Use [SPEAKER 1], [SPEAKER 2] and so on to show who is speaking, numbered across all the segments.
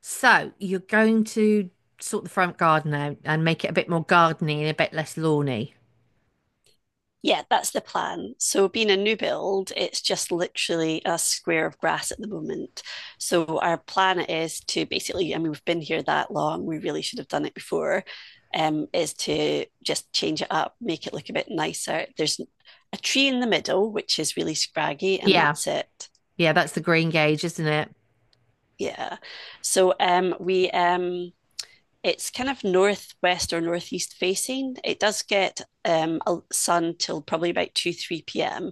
[SPEAKER 1] So you're going to sort the front garden out and make it a bit more gardeny and a bit less lawny.
[SPEAKER 2] Yeah, that's the plan. So, being a new build, it's just literally a square of grass at the moment. So, our plan is to basically, I mean, we've been here that long, we really should have done it before, is to just change it up, make it look a bit nicer. There's a tree in the middle, which is really scraggy, and
[SPEAKER 1] Yeah,
[SPEAKER 2] that's it.
[SPEAKER 1] yeah, that's the green gauge, isn't it?
[SPEAKER 2] Yeah. So, we, it's kind of northwest or northeast facing. It does get sun till probably about 2, 3 p.m.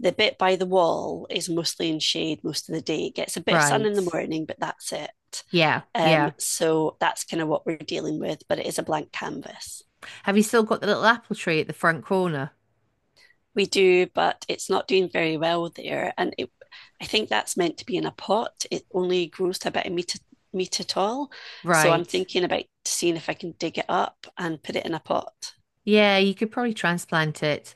[SPEAKER 2] The bit by the wall is mostly in shade most of the day. It gets a bit of sun in the
[SPEAKER 1] Right.
[SPEAKER 2] morning, but that's it.
[SPEAKER 1] Yeah,
[SPEAKER 2] Um,
[SPEAKER 1] yeah.
[SPEAKER 2] so that's kind of what we're dealing with, but it is a blank canvas.
[SPEAKER 1] Have you still got the little apple tree at the front corner?
[SPEAKER 2] We do, but it's not doing very well there. And it, I think that's meant to be in a pot. It only grows to about a meter, meter tall. So I'm
[SPEAKER 1] Right.
[SPEAKER 2] thinking about seeing if I can dig it up and put it in a pot.
[SPEAKER 1] Yeah, you could probably transplant it.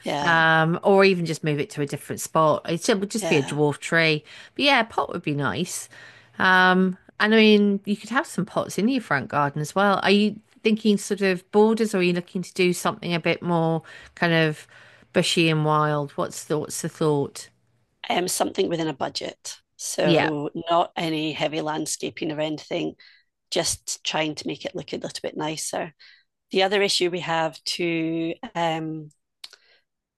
[SPEAKER 2] Yeah,
[SPEAKER 1] Or even just move it to a different spot. It would just be a
[SPEAKER 2] yeah.
[SPEAKER 1] dwarf tree. But yeah, a pot would be nice. And I mean, you could have some pots in your front garden as well. Are you thinking sort of borders, or are you looking to do something a bit more kind of bushy and wild? What's the thought?
[SPEAKER 2] Something within a budget.
[SPEAKER 1] Yeah,
[SPEAKER 2] So not any heavy landscaping or anything, just trying to make it look a little bit nicer. The other issue we have to um,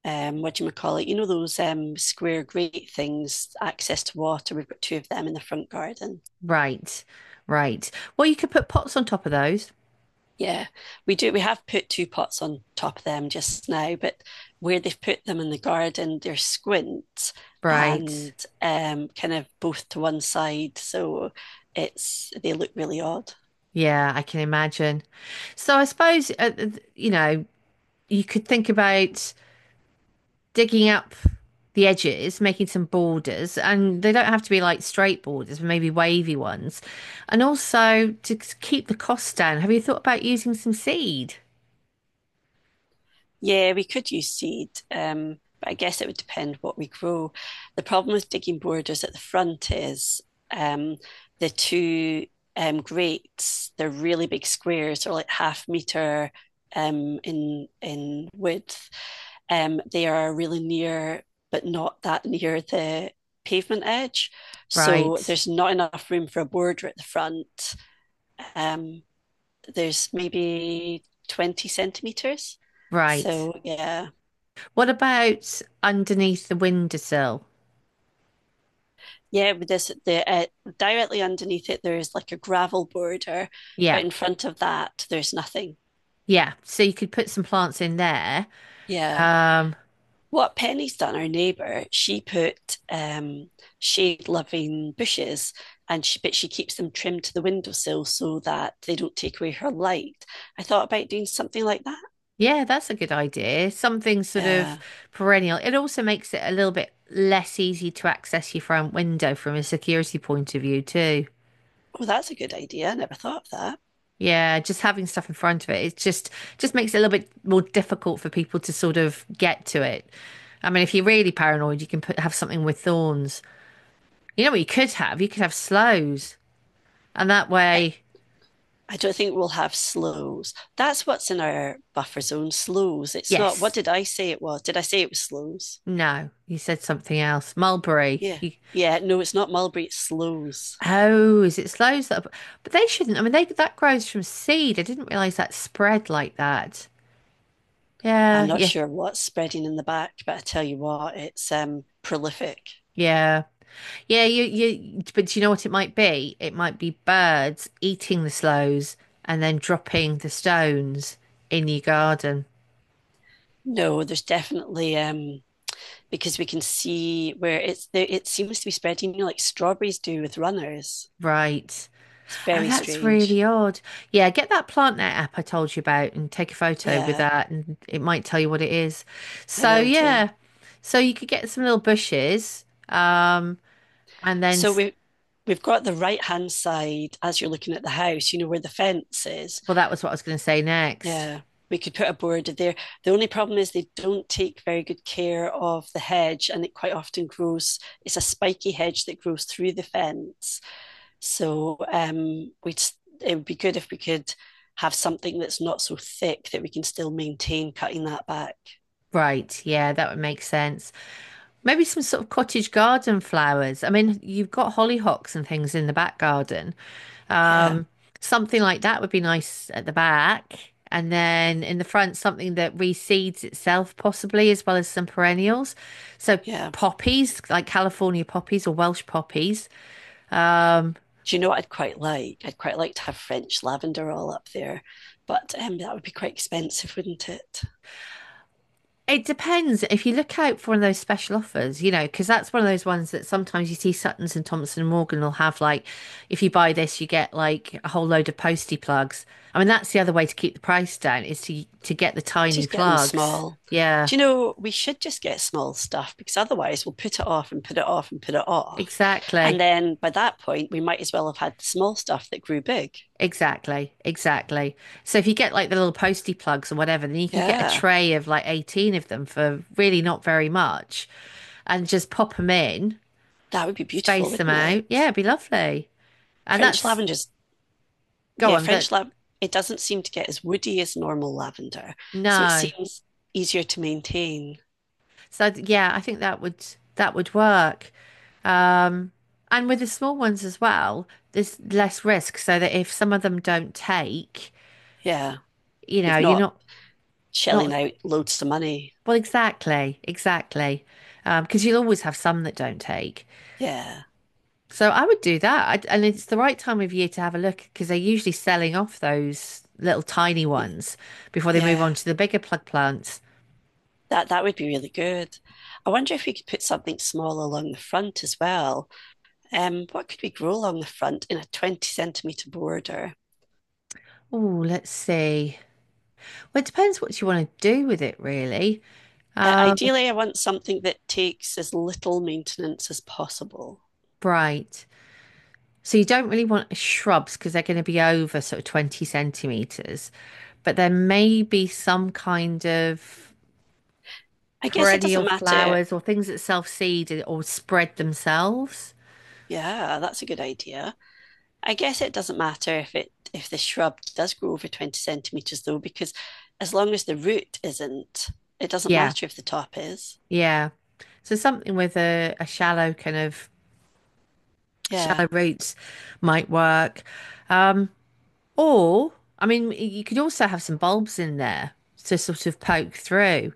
[SPEAKER 2] um, what do you call it? You know those square grate things, access to water. We've got two of them in the front garden.
[SPEAKER 1] right, right. Well, you could put pots on top of those.
[SPEAKER 2] Yeah, we do. We have put two pots on top of them just now, but where they've put them in the garden, they're squint
[SPEAKER 1] Right.
[SPEAKER 2] and kind of both to one side, so it's they look really odd.
[SPEAKER 1] Yeah, I can imagine. So I suppose, you know, you could think about digging up the edges, making some borders, and they don't have to be like straight borders, but maybe wavy ones. And also to keep the cost down, have you thought about using some seed?
[SPEAKER 2] Yeah, we could use seed, but I guess it would depend what we grow. The problem with digging borders at the front is um, the two grates, they're really big squares, or like half meter in width. They are really near, but not that near the pavement edge. So
[SPEAKER 1] Right,
[SPEAKER 2] there's not enough room for a border at the front. Um, there's maybe 20 centimeters.
[SPEAKER 1] right.
[SPEAKER 2] So yeah.
[SPEAKER 1] What about underneath the windowsill?
[SPEAKER 2] Yeah, with this the directly underneath it there is like a gravel border, but
[SPEAKER 1] Yeah,
[SPEAKER 2] in front of that there's nothing.
[SPEAKER 1] yeah. So you could put some plants in there.
[SPEAKER 2] Yeah.
[SPEAKER 1] Um,
[SPEAKER 2] What Penny's done, our neighbour, she put um, shade-loving bushes, and she but she keeps them trimmed to the windowsill so that they don't take away her light. I thought about doing something like that.
[SPEAKER 1] yeah, that's a good idea. Something sort of
[SPEAKER 2] Yeah.
[SPEAKER 1] perennial. It also makes it a little bit less easy to access your front window from a security point of view, too.
[SPEAKER 2] Oh, that's a good idea. I never thought of that.
[SPEAKER 1] Yeah, just having stuff in front of it, it just makes it a little bit more difficult for people to sort of get to it. I mean, if you're really paranoid, you can put have something with thorns. You know what you could have? You could have sloes, and that
[SPEAKER 2] I,
[SPEAKER 1] way,
[SPEAKER 2] I don't think we'll have slows. That's what's in our buffer zone, slows. It's not, what
[SPEAKER 1] yes,
[SPEAKER 2] did I say it was? Did I say it was slows?
[SPEAKER 1] no, you said something else. Mulberry.
[SPEAKER 2] Yeah.
[SPEAKER 1] You,
[SPEAKER 2] Yeah. No, it's not mulberry, it's sloes.
[SPEAKER 1] oh, is it sloes? That? Are- but they shouldn't. I mean, they that grows from seed. I didn't realize that spread like that.
[SPEAKER 2] I'm
[SPEAKER 1] Yeah,
[SPEAKER 2] not
[SPEAKER 1] yeah,
[SPEAKER 2] sure what's spreading in the back, but I tell you what, it's prolific.
[SPEAKER 1] yeah. Yeah, but do you know what it might be? It might be birds eating the sloes and then dropping the stones in your garden.
[SPEAKER 2] No, there's definitely because we can see where it seems to be spreading, you know, like strawberries do with runners.
[SPEAKER 1] Right.
[SPEAKER 2] It's
[SPEAKER 1] Oh,
[SPEAKER 2] very
[SPEAKER 1] that's
[SPEAKER 2] strange.
[SPEAKER 1] really odd. Yeah, get that PlantNet app I told you about and take a photo with
[SPEAKER 2] Yeah,
[SPEAKER 1] that, and it might tell you what it is.
[SPEAKER 2] I
[SPEAKER 1] So,
[SPEAKER 2] will do.
[SPEAKER 1] yeah, so you could get some little bushes, and then,
[SPEAKER 2] So
[SPEAKER 1] s-
[SPEAKER 2] we've got the right hand side as you're looking at the house, you know, where the fence is.
[SPEAKER 1] well, that was what I was going to say next.
[SPEAKER 2] Yeah, we could put a border there. The only problem is they don't take very good care of the hedge, and it quite often grows. It's a spiky hedge that grows through the fence. So we'd it would be good if we could have something that's not so thick that we can still maintain cutting that back.
[SPEAKER 1] Right. Yeah, that would make sense. Maybe some sort of cottage garden flowers. I mean, you've got hollyhocks and things in the back garden.
[SPEAKER 2] Yeah,
[SPEAKER 1] Um, something like that would be nice at the back. And then in the front, something that reseeds itself, possibly, as well as some perennials. So
[SPEAKER 2] yeah.
[SPEAKER 1] poppies, like California poppies or Welsh poppies. Um,
[SPEAKER 2] Do you know what I'd quite like? I'd quite like to have French lavender all up there, but that would be quite expensive, wouldn't it?
[SPEAKER 1] It depends if you look out for one of those special offers, you know, because that's one of those ones that sometimes you see Suttons and Thompson and Morgan will have like, if you buy this, you get like a whole load of postie plugs. I mean, that's the other way to keep the price down is to get the
[SPEAKER 2] To
[SPEAKER 1] tiny
[SPEAKER 2] get them
[SPEAKER 1] plugs.
[SPEAKER 2] small.
[SPEAKER 1] Yeah,
[SPEAKER 2] Do you know, we should just get small stuff because otherwise we'll put it off. And
[SPEAKER 1] exactly,
[SPEAKER 2] then by that point, we might as well have had the small stuff that grew big.
[SPEAKER 1] exactly, exactly. So if you get like the little postie plugs or whatever, then you can get a
[SPEAKER 2] Yeah,
[SPEAKER 1] tray of like 18 of them for really not very much, and just pop them in,
[SPEAKER 2] that would be beautiful,
[SPEAKER 1] space them
[SPEAKER 2] wouldn't
[SPEAKER 1] out. Yeah,
[SPEAKER 2] it?
[SPEAKER 1] it'd be lovely. And
[SPEAKER 2] French
[SPEAKER 1] that's
[SPEAKER 2] lavender's,
[SPEAKER 1] go
[SPEAKER 2] yeah,
[SPEAKER 1] on,
[SPEAKER 2] French
[SPEAKER 1] that
[SPEAKER 2] lav, it doesn't seem to get as woody as normal lavender. So it
[SPEAKER 1] no.
[SPEAKER 2] seems easier to maintain.
[SPEAKER 1] So yeah, I think that would work. Um, and with the small ones as well, there's less risk so that if some of them don't take,
[SPEAKER 2] Yeah,
[SPEAKER 1] you know,
[SPEAKER 2] you've
[SPEAKER 1] you're
[SPEAKER 2] not
[SPEAKER 1] not
[SPEAKER 2] shelling
[SPEAKER 1] not
[SPEAKER 2] out loads of money.
[SPEAKER 1] well exactly, exactly. Because you'll always have some that don't take.
[SPEAKER 2] Yeah,
[SPEAKER 1] So I would do that. I And it's the right time of year to have a look because they're usually selling off those little tiny ones before they move on
[SPEAKER 2] yeah.
[SPEAKER 1] to the bigger plug plants.
[SPEAKER 2] That that would be really good. I wonder if we could put something small along the front as well. What could we grow along the front in a 20 centimeter border?
[SPEAKER 1] Oh, let's see. Well, it depends what you want to do with it, really.
[SPEAKER 2] I,
[SPEAKER 1] Um,
[SPEAKER 2] ideally, I want something that takes as little maintenance as possible.
[SPEAKER 1] right. So you don't really want shrubs because they're going to be over sort of 20 centimeters, but there may be some kind of
[SPEAKER 2] I guess it doesn't
[SPEAKER 1] perennial
[SPEAKER 2] matter.
[SPEAKER 1] flowers or things that self-seed or spread themselves.
[SPEAKER 2] Yeah, that's a good idea. I guess it doesn't matter if it if the shrub does grow over 20 centimeters though, because as long as the root isn't, it doesn't
[SPEAKER 1] Yeah,
[SPEAKER 2] matter if the top is.
[SPEAKER 1] yeah. So something with a shallow kind of
[SPEAKER 2] Yeah,
[SPEAKER 1] shallow roots might work. Um, or I mean, you could also have some bulbs in there to sort of poke through.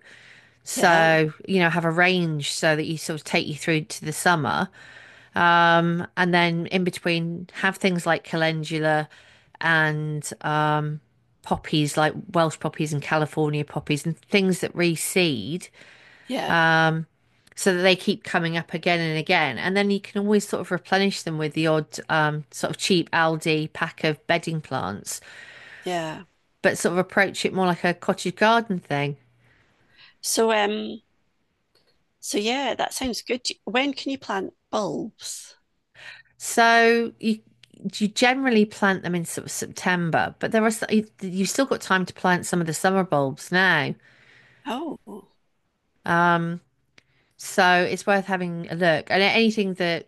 [SPEAKER 2] yeah,
[SPEAKER 1] So, you know, have a range so that you sort of take you through to the summer. And then in between, have things like calendula and poppies, like Welsh poppies and California poppies, and things that reseed
[SPEAKER 2] yeah,
[SPEAKER 1] so that they keep coming up again and again. And then you can always sort of replenish them with the odd sort of cheap Aldi pack of bedding plants,
[SPEAKER 2] yeah.
[SPEAKER 1] but sort of approach it more like a cottage garden thing.
[SPEAKER 2] So um So yeah, that sounds good. Do- When can you plant bulbs?
[SPEAKER 1] So you generally plant them in sort of September, but there are s- you've still got time to plant some of the summer bulbs now.
[SPEAKER 2] Oh,
[SPEAKER 1] Um, so it's worth having a look. And anything that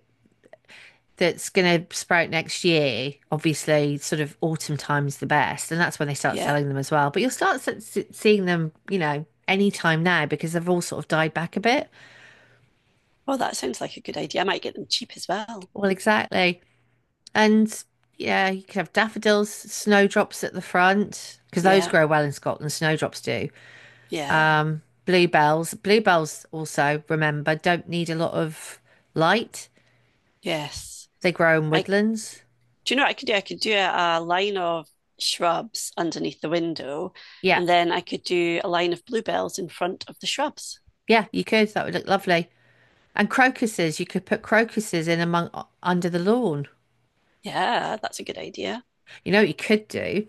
[SPEAKER 1] that's going to sprout next year, obviously, sort of autumn time's the best, and that's when they start
[SPEAKER 2] yeah.
[SPEAKER 1] selling them as well. But you'll start seeing them, you know, any time now because they've all sort of died back a bit.
[SPEAKER 2] Oh, that sounds like a good idea. I might get them cheap as well.
[SPEAKER 1] Well, exactly. And yeah, you could have daffodils, snowdrops at the front because those
[SPEAKER 2] Yeah,
[SPEAKER 1] grow well in Scotland. Snowdrops do.
[SPEAKER 2] yeah,
[SPEAKER 1] Bluebells also remember don't need a lot of light.
[SPEAKER 2] yes.
[SPEAKER 1] They grow in
[SPEAKER 2] I
[SPEAKER 1] woodlands.
[SPEAKER 2] Do you know what I could do? I could do a line of shrubs underneath the window,
[SPEAKER 1] Yeah,
[SPEAKER 2] and then I could do a line of bluebells in front of the shrubs.
[SPEAKER 1] yeah, you could. That would look lovely. And crocuses, you could put crocuses in among under the lawn.
[SPEAKER 2] Yeah, that's a good idea.
[SPEAKER 1] You know what you could do?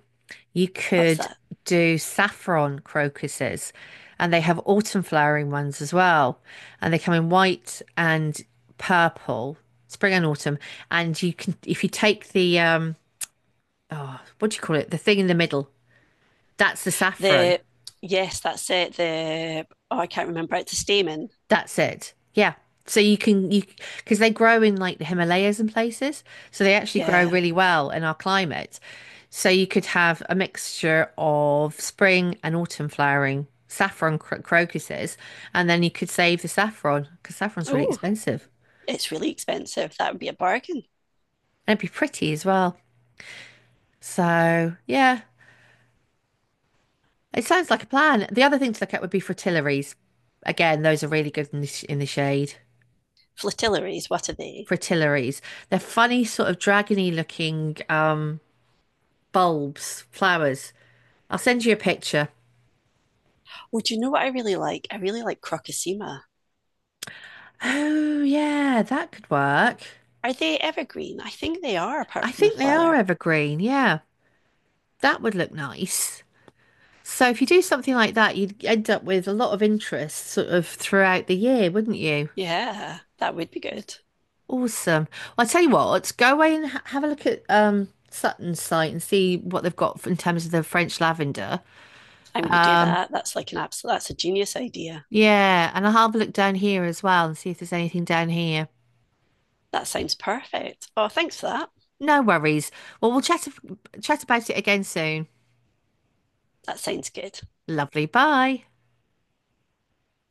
[SPEAKER 1] You
[SPEAKER 2] What's
[SPEAKER 1] could
[SPEAKER 2] that?
[SPEAKER 1] do saffron crocuses, and they have autumn flowering ones as well. And they come in white and purple, spring and autumn. And you can, if you take the, what do you call it? The thing in the middle, that's the saffron.
[SPEAKER 2] The Yes, that's it. The Oh, I can't remember. It's a stamen.
[SPEAKER 1] That's it. Yeah. So you can you Because they grow in like the Himalayas and places, so they actually grow
[SPEAKER 2] Yeah.
[SPEAKER 1] really well in our climate. So you could have a mixture of spring and autumn flowering saffron crocuses, and then you could save the saffron because saffron's really
[SPEAKER 2] Oh,
[SPEAKER 1] expensive,
[SPEAKER 2] it's really expensive. That would be a bargain.
[SPEAKER 1] and it'd be pretty as well. So yeah, it sounds like a plan. The other thing to look at would be fritillaries. Again, those are really good in the, in the shade.
[SPEAKER 2] Flatillaries, what are they?
[SPEAKER 1] Fritillaries. They're funny, sort of dragony looking. Bulbs, flowers. I'll send you a picture.
[SPEAKER 2] Oh, do you know what I really like? I really like Crocosema.
[SPEAKER 1] Oh, yeah, that could work.
[SPEAKER 2] Are they evergreen? I think they are,
[SPEAKER 1] I
[SPEAKER 2] apart from the
[SPEAKER 1] think they are
[SPEAKER 2] flower.
[SPEAKER 1] evergreen. Yeah, that would look nice. So if you do something like that, you'd end up with a lot of interest sort of throughout the year, wouldn't you?
[SPEAKER 2] Yeah, that would be good.
[SPEAKER 1] Awesome. Well, I tell you what, go away and ha have a look at Sutton's site and see what they've got in terms of the French lavender.
[SPEAKER 2] I'm going to do
[SPEAKER 1] Um,
[SPEAKER 2] that. That's like an absolute, that's a genius idea.
[SPEAKER 1] yeah, and I'll have a look down here as well and see if there's anything down here.
[SPEAKER 2] That sounds perfect. Oh, thanks for that.
[SPEAKER 1] No worries. Well, we'll chat about it again soon.
[SPEAKER 2] That sounds good.
[SPEAKER 1] Lovely. Bye.